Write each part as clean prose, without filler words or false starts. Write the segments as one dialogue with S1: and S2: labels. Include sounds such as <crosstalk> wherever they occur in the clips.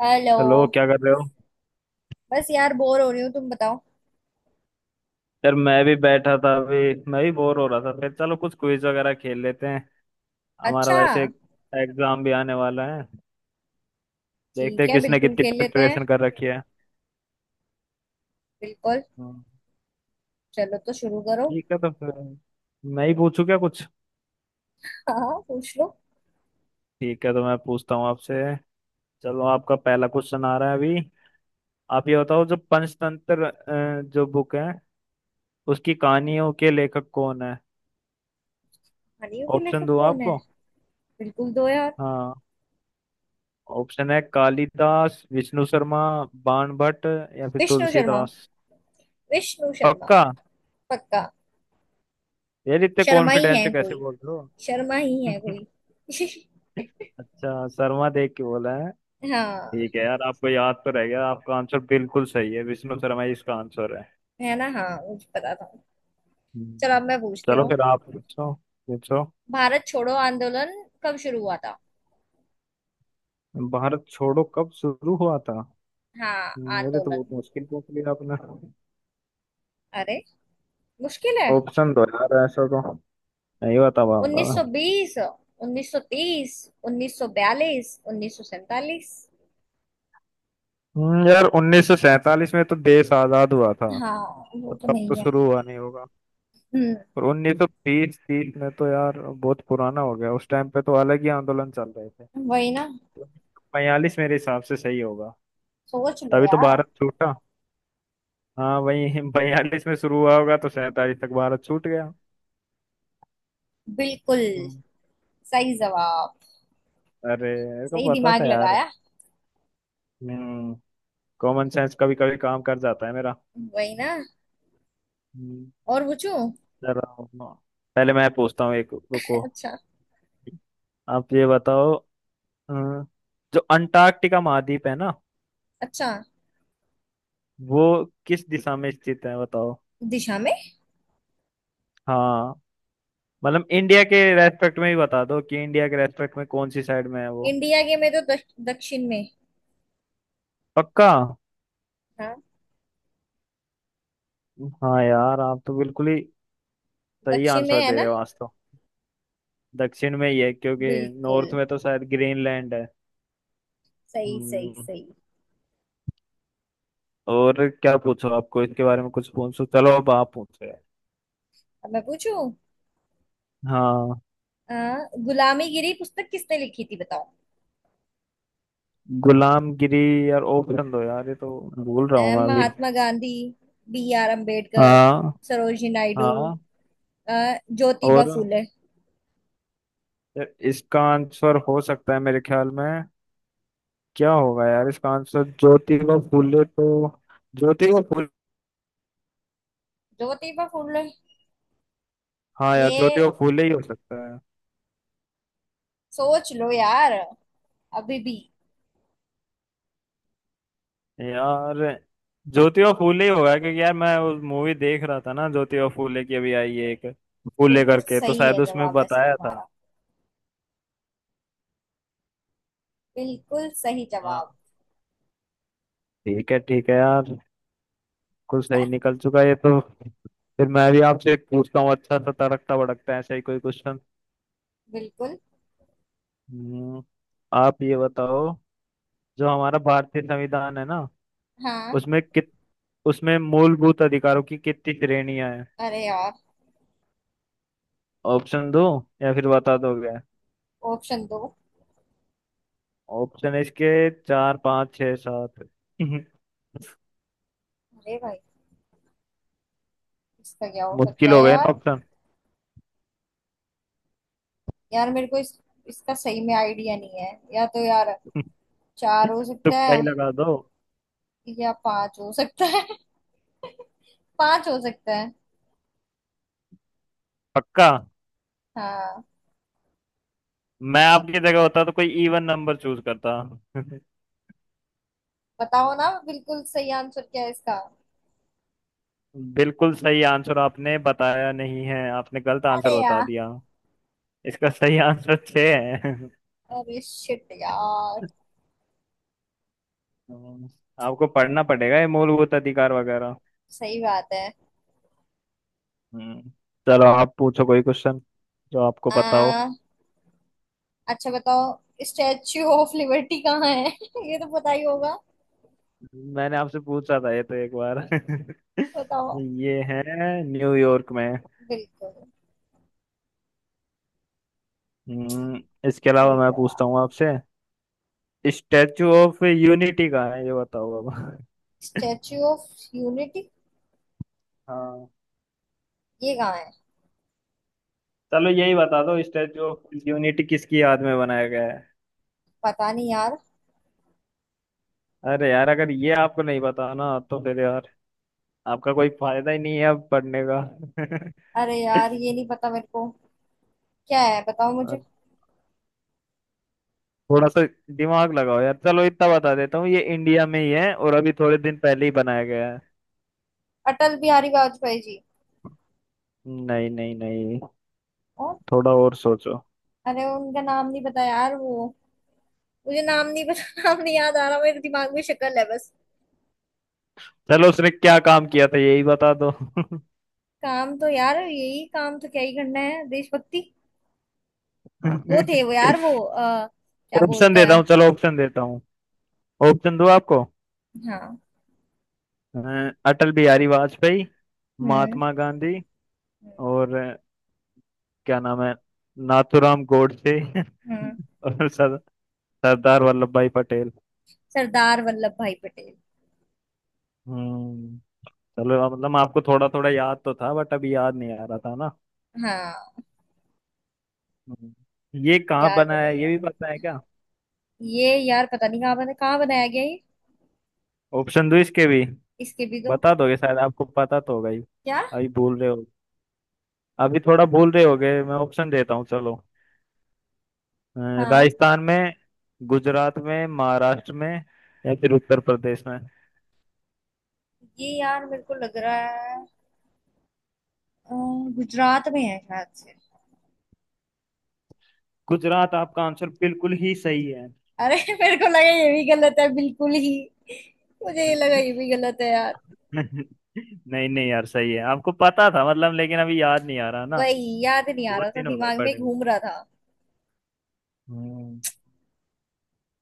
S1: Hello.
S2: Hello, क्या कर रहे हो?
S1: बस यार बोर हो रही हूँ, तुम बताओ।
S2: यार मैं भी बैठा था अभी। मैं भी बोर हो रहा था, फिर चलो कुछ क्विज वगैरह खेल लेते हैं। हमारा
S1: अच्छा।
S2: वैसे एग्जाम भी आने वाला है। देखते
S1: ठीक
S2: हैं
S1: है,
S2: किसने
S1: बिल्कुल
S2: कितनी
S1: खेल लेते हैं।
S2: प्रिपरेशन कर रखी है।
S1: बिल्कुल।
S2: हम्म।
S1: चलो तो शुरू करो।
S2: ठीक है तो फिर मैं ही पूछूं क्या कुछ।
S1: हाँ हाँ, पूछ लो।
S2: ठीक है तो मैं पूछता हूँ आपसे। चलो आपका पहला क्वेश्चन आ रहा है अभी। आप ये बताओ, जो पंचतंत्र जो बुक है, उसकी कहानियों के लेखक कौन है?
S1: हानियों के
S2: ऑप्शन
S1: लेखक
S2: दूं
S1: कौन है।
S2: आपको?
S1: बिल्कुल दो यार।
S2: हाँ। ऑप्शन है कालिदास, विष्णु शर्मा, बाण भट्ट या फिर
S1: विष्णु शर्मा।
S2: तुलसीदास।
S1: विष्णु शर्मा।
S2: पक्का?
S1: पक्का।
S2: यार इतने
S1: शर्मा ही
S2: कॉन्फिडेंस से
S1: है
S2: कैसे
S1: कोई।
S2: बोल रहे
S1: शर्मा ही है
S2: हो? <laughs>
S1: कोई। <laughs>
S2: अच्छा, शर्मा देख के बोला है।
S1: हाँ।
S2: ठीक है यार, आपको याद तो रह गया, आपका आंसर बिल्कुल सही है, विष्णु शर्मा ही इसका आंसर है।
S1: है ना, हाँ मुझे पता था। चलो
S2: हम्म।
S1: अब मैं पूछती
S2: चलो
S1: हूँ।
S2: फिर आप पूछो पूछो।
S1: भारत छोड़ो आंदोलन कब शुरू हुआ था।
S2: भारत छोड़ो कब शुरू हुआ था?
S1: हाँ,
S2: मेरे तो बहुत
S1: आंदोलन।
S2: मुश्किल पूछ लिया आपने।
S1: अरे, मुश्किल है।
S2: ऑप्शन दो यार, ऐसा तो नहीं बता पाऊंगा मैं।
S1: 1920, 1930, 1942, 1947।
S2: यार उन्नीस सौ सैंतालीस में तो देश आजाद हुआ था।
S1: हाँ। वो तो
S2: तब तो
S1: नहीं है।
S2: शुरू हुआ नहीं होगा।
S1: हम्म।
S2: और 1920, 30 में तो यार बहुत पुराना हो गया, उस टाइम पे तो अलग ही आंदोलन चल रहे थे।
S1: वही ना।
S2: तो 42 मेरे हिसाब से सही होगा।
S1: सोच लो
S2: तभी तो
S1: यार।
S2: भारत छूटा। हाँ, वही 42 <laughs> में शुरू हुआ होगा, तो 47 तक भारत छूट गया।
S1: बिल्कुल
S2: हम्म।
S1: सही जवाब।
S2: अरे मेरे को
S1: सही
S2: पता
S1: दिमाग
S2: था यार।
S1: लगाया।
S2: हम्म। कॉमन सेंस कभी कभी काम कर जाता है मेरा।
S1: वही ना।
S2: हम्म।
S1: और पूछू।
S2: जरा पहले मैं पूछता हूँ, एक रुको।
S1: अच्छा।
S2: आप ये बताओ। अ, जो अंटार्कटिका महाद्वीप है ना,
S1: अच्छा।
S2: वो किस दिशा में स्थित है बताओ।
S1: दिशा में।
S2: हाँ। मतलब इंडिया के रेस्पेक्ट में ही बता दो कि इंडिया के रेस्पेक्ट में कौन सी साइड में है वो।
S1: इंडिया के में तो दक्षिण में।
S2: पक्का?
S1: हाँ।
S2: हाँ यार, आप तो बिल्कुल ही सही
S1: दक्षिण में
S2: आंसर
S1: है
S2: दे
S1: ना।
S2: रहे हो आज तो। दक्षिण में ही है क्योंकि
S1: बिल्कुल।
S2: नॉर्थ में तो शायद ग्रीनलैंड है।
S1: सही सही
S2: हम्म।
S1: सही।
S2: और क्या पूछो, आपको इसके बारे में कुछ पूछो, चलो अब आप पूछो यार।
S1: अब मैं पूछू।
S2: हाँ।
S1: गुलामीगिरी पुस्तक किसने लिखी थी, बताओ।
S2: गुलामगिरी। यार ऑप्शन दो यार, ये तो भूल रहा हूँ मैं अभी।
S1: महात्मा गांधी, बी आर अम्बेडकर,
S2: हाँ।
S1: सरोजिनी नायडू,
S2: हाँ।
S1: अ, ज्योतिबा
S2: और
S1: फूले।
S2: इसका आंसर हो सकता है मेरे ख्याल में, क्या होगा यार इसका आंसर, ज्योतिबा फूले तो। ज्योतिबा फूले।
S1: ज्योतिबा फूले।
S2: हाँ यार,
S1: ये
S2: ज्योतिबा फूले ही हो सकता है।
S1: सोच लो यार, अभी भी।
S2: यार ज्योतिबा फूले ही होगा, क्योंकि यार मैं उस मूवी देख रहा था ना, ज्योतिबा फूले की अभी आई है एक फूले
S1: बिल्कुल
S2: करके, तो
S1: सही है
S2: शायद उसमें
S1: जवाब वैसे
S2: बताया था।
S1: तुम्हारा। बिल्कुल सही
S2: हाँ।
S1: जवाब।
S2: ठीक है यार। कुछ सही निकल चुका है ये तो। फिर मैं भी आपसे एक पूछता हूँ, अच्छा सा तड़कता भड़कता ऐसा ही कोई क्वेश्चन।
S1: बिल्कुल।
S2: हम्म, आप ये बताओ। जो हमारा भारतीय संविधान है ना,
S1: हाँ।
S2: उसमें कित उसमें मूलभूत अधिकारों की कितनी श्रेणियां हैं?
S1: अरे यार।
S2: ऑप्शन दो या फिर बता दोगे?
S1: ऑप्शन दो।
S2: ऑप्शन इसके चार, पाँच, छः, सात <laughs>
S1: अरे भाई, इसका क्या हो सकता
S2: मुश्किल हो
S1: है
S2: गए ना
S1: यार।
S2: ऑप्शन?
S1: यार मेरे को इस इसका सही में आइडिया नहीं है या तो यार। चार हो
S2: <laughs>
S1: सकता
S2: तुक्का ही
S1: है
S2: लगा दो।
S1: या पांच हो सकता है। <laughs> पांच हो सकता है।
S2: पक्का?
S1: हाँ।
S2: मैं आपकी जगह होता तो कोई इवन नंबर चूज करता। <laughs>
S1: बताओ ना बिल्कुल सही आंसर क्या है इसका।
S2: बिल्कुल सही आंसर आपने बताया नहीं है, आपने गलत आंसर
S1: अरे
S2: बता
S1: यार।
S2: दिया। इसका सही आंसर छः है।
S1: अरे शिट यार।
S2: <laughs> आपको पढ़ना पड़ेगा ये मूलभूत अधिकार वगैरह।
S1: सही बात है।
S2: हम्म। चलो आप पूछो कोई क्वेश्चन जो आपको पता हो।
S1: आ, अच्छा बताओ, स्टैच्यू ऑफ लिबर्टी कहाँ है। <laughs> ये तो पता ही होगा।
S2: मैंने आपसे पूछा था ये तो एक बार।
S1: बताओ।
S2: <laughs> ये है न्यूयॉर्क में।
S1: बिल्कुल
S2: हम्म। इसके अलावा
S1: सही
S2: मैं
S1: जवाब।
S2: पूछता हूँ आपसे। स्टैचू ऑफ यूनिटी कहाँ है ये बताओ अब।
S1: स्टैच्यू ऑफ यूनिटी
S2: हाँ।
S1: ये कहाँ है।
S2: चलो यही बता दो, स्टैचू ऑफ यूनिटी किसकी याद में बनाया गया है?
S1: पता नहीं यार।
S2: अरे यार, अगर ये आपको नहीं पता ना, तो फिर यार आपका कोई फायदा ही नहीं है अब पढ़ने का।
S1: अरे यार ये नहीं पता मेरे को। क्या है बताओ
S2: <laughs>
S1: मुझे।
S2: और थोड़ा सा दिमाग लगाओ यार। चलो इतना बता देता हूँ, ये इंडिया में ही है और अभी थोड़े दिन पहले ही बनाया गया है।
S1: अटल बिहारी वाजपेयी जी।
S2: नहीं नहीं नहीं।
S1: और।
S2: थोड़ा और सोचो।
S1: अरे उनका नाम नहीं पता यार, वो मुझे नाम नहीं पता। <laughs> नाम नहीं याद आ रहा, मेरे दिमाग में शक्ल है बस।
S2: चलो उसने क्या काम किया था यही बता दो। <laughs>
S1: काम तो यार यही, काम तो क्या ही करना है, देशभक्ति। वो थे वो यार, वो क्या
S2: ऑप्शन
S1: बोलते
S2: देता
S1: हैं।
S2: हूँ, चलो ऑप्शन देता हूँ। ऑप्शन दो आपको।
S1: हाँ।
S2: अ, अटल बिहारी वाजपेयी,
S1: हम्म।
S2: महात्मा गांधी,
S1: हम्म।
S2: और क्या नाम है, नाथूराम गोडसे
S1: हम्म,
S2: <laughs> और सरदार वल्लभ भाई पटेल।
S1: सरदार वल्लभ भाई पटेल।
S2: हम्म। चलो मतलब, आपको थोड़ा थोड़ा याद तो था, बट अभी याद नहीं आ रहा था ना।
S1: हाँ।
S2: हम्म। ये कहाँ
S1: याद
S2: बना है
S1: नहीं
S2: ये
S1: है।
S2: भी पता है क्या?
S1: ये यार पता नहीं कहाँ बना, कहाँ बनाया गया ये।
S2: ऑप्शन दो इसके भी,
S1: इसके भी तो।
S2: बता दोगे शायद, आपको पता तो होगा ही,
S1: क्या।
S2: अभी भूल रहे हो, अभी थोड़ा भूल रहे होगे, मैं ऑप्शन देता हूँ चलो। अ,
S1: हाँ।
S2: राजस्थान में, गुजरात में, महाराष्ट्र में, या फिर उत्तर प्रदेश में।
S1: ये यार मेरे को लग रहा है अ, गुजरात में है शायद से।
S2: गुजरात, आपका आंसर बिल्कुल ही सही है।
S1: अरे <laughs> मेरे को लगा ये भी गलत है बिल्कुल ही। मुझे ये
S2: <laughs>
S1: लगा ये भी गलत है यार।
S2: नहीं नहीं यार, सही है, आपको पता था मतलब, लेकिन अभी याद नहीं आ रहा ना।
S1: वही याद नहीं आ
S2: बहुत
S1: रहा था,
S2: दिन हो गए
S1: दिमाग में
S2: पढ़े हुए।
S1: घूम रहा था।
S2: हम्म।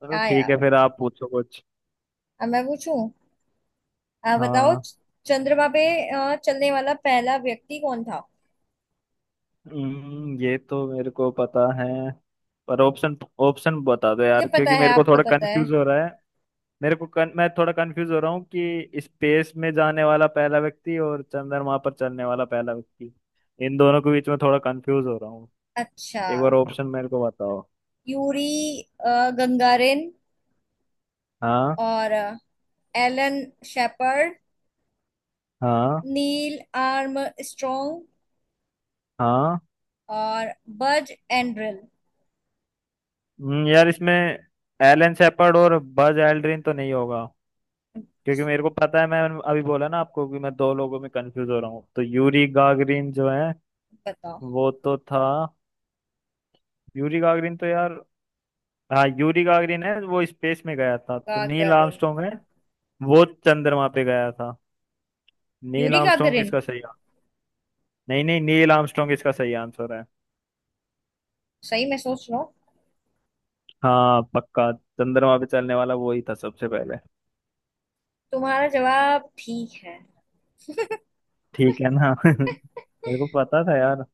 S2: चलो
S1: क्या
S2: ठीक है
S1: यार।
S2: फिर, आप पूछो कुछ।
S1: अब मैं पूछूं। बताओ,
S2: हाँ।
S1: चंद्रमा पे चलने वाला पहला व्यक्ति कौन था।
S2: ये तो मेरे को पता है। पर ऑप्शन ऑप्शन बता दो
S1: मुझे
S2: यार,
S1: पता
S2: क्योंकि
S1: है,
S2: मेरे को
S1: आपको
S2: थोड़ा
S1: पता है।
S2: कंफ्यूज हो रहा है। मैं थोड़ा कंफ्यूज हो रहा हूँ कि स्पेस में जाने वाला पहला व्यक्ति और चंद्रमा पर चलने वाला पहला व्यक्ति, इन दोनों के बीच में थोड़ा कंफ्यूज हो रहा हूँ।
S1: अच्छा।
S2: एक बार ऑप्शन मेरे को बताओ।
S1: यूरी गंगारिन,
S2: हाँ,
S1: और एलन शेपर्ड,
S2: हाँ,
S1: नील आर्मस्ट्रॉन्ग
S2: हाँ।
S1: और बज एंड्रिल।
S2: यार इसमें एलन शेपर्ड और बज एल्ड्रिन तो नहीं होगा, क्योंकि मेरे को पता है। मैं अभी बोला ना आपको कि मैं दो लोगों में कंफ्यूज हो रहा हूँ, तो यूरी गागरिन जो है
S1: बताओ।
S2: वो तो था। यूरी गागरिन तो यार, हाँ, यूरी गागरिन है, वो स्पेस में गया था। तो नील
S1: गागरिन।
S2: आर्मस्ट्रॉन्ग है, वो चंद्रमा पे गया था। नील
S1: यूरी
S2: आर्मस्ट्रॉन्ग
S1: गागरिन
S2: इसका सही आ- नहीं नहीं, नील आर्मस्ट्रॉन्ग इसका सही आंसर है।
S1: सही, मैं सोच रहा हूँ।
S2: हाँ पक्का, चंद्रमा पे चलने वाला वो ही था सबसे पहले।
S1: तुम्हारा जवाब ठीक है।
S2: ठीक है ना? <laughs>
S1: <laughs>
S2: मेरे को पता था यार।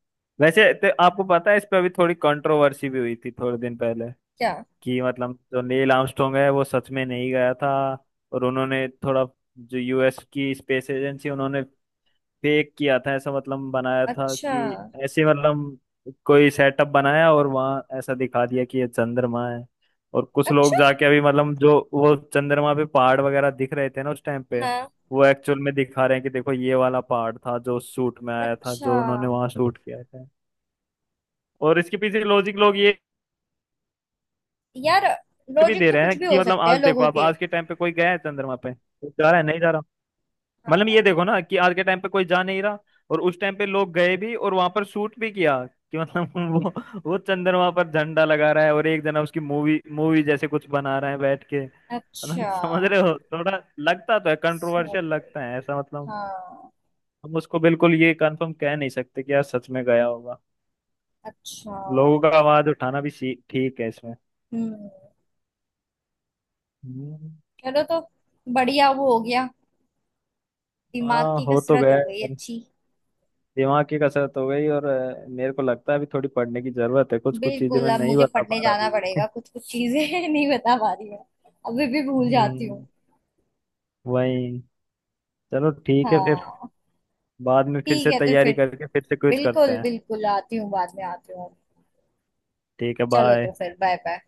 S2: वैसे तो आपको पता है, इस पे अभी थोड़ी कंट्रोवर्सी भी हुई थी थोड़े दिन पहले
S1: क्या।
S2: कि मतलब जो नील आर्मस्ट्रॉन्ग है वो सच में नहीं गया था। और उन्होंने थोड़ा, जो यूएस की स्पेस एजेंसी, उन्होंने फेक किया था, ऐसा मतलब बनाया था
S1: अच्छा।
S2: कि, ऐसे मतलब कोई सेटअप बनाया और वहाँ ऐसा दिखा दिया कि ये चंद्रमा है। और कुछ
S1: अच्छा।
S2: लोग
S1: अच्छा।
S2: जाके अभी, मतलब जो वो चंद्रमा पे पहाड़ वगैरह दिख रहे थे ना उस टाइम पे,
S1: हाँ।
S2: वो एक्चुअल में दिखा रहे हैं कि देखो, ये वाला पहाड़ था जो शूट में आया था,
S1: अच्छा
S2: जो उन्होंने वहां शूट किया था। और इसके पीछे लॉजिक लोग ये
S1: यार,
S2: भी
S1: लॉजिक
S2: दे
S1: तो
S2: रहे
S1: कुछ
S2: हैं
S1: भी
S2: कि
S1: हो
S2: मतलब,
S1: सकते हैं
S2: आज देखो,
S1: लोगों
S2: आप
S1: के।
S2: आज के टाइम पे कोई गया है चंद्रमा पे, कोई जा रहा है, नहीं जा रहा। मतलब ये
S1: हाँ।
S2: देखो ना कि आज के टाइम पे कोई जा नहीं रहा, और उस टाइम पे लोग गए भी और वहां पर शूट भी किया, कि मतलब <laughs> वो चंद्रमा पर झंडा लगा रहा है और एक जना उसकी मूवी मूवी जैसे कुछ बना रहा है बैठ के, मतलब
S1: अच्छा,
S2: <laughs> समझ रहे हो, थोड़ा लगता तो है,
S1: समझ
S2: कंट्रोवर्शियल
S1: गई।
S2: लगता है ऐसा मतलब।
S1: हाँ।
S2: हम उसको बिल्कुल ये कंफर्म कह नहीं सकते कि यार सच में गया होगा।
S1: अच्छा।
S2: लोगों का आवाज उठाना भी ठीक है इसमें।
S1: हम्म।
S2: हम्म।
S1: चलो तो बढ़िया, वो हो गया। दिमाग
S2: हाँ,
S1: की
S2: हो तो
S1: कसरत
S2: गया
S1: हो गई
S2: है।
S1: अच्छी।
S2: दिमाग की कसरत हो गई, और मेरे को लगता है अभी थोड़ी पढ़ने की जरूरत है, कुछ कुछ चीजें
S1: बिल्कुल,
S2: मैं
S1: अब
S2: नहीं
S1: मुझे
S2: बता
S1: पढ़ने
S2: पा रहा
S1: जाना
S2: अभी
S1: पड़ेगा,
S2: भी।
S1: कुछ कुछ चीजें <laughs> नहीं बता पा रही मैं, अभी भी भूल जाती हूँ।
S2: हम्म। वही। चलो ठीक है फिर,
S1: हाँ।
S2: बाद में फिर
S1: ठीक
S2: से
S1: है तो
S2: तैयारी
S1: फिर।
S2: करके फिर से क्विज करते
S1: बिल्कुल
S2: हैं।
S1: बिल्कुल, आती हूँ बाद में, आती हूँ।
S2: ठीक है,
S1: चलो तो
S2: बाय।
S1: फिर, बाय बाय।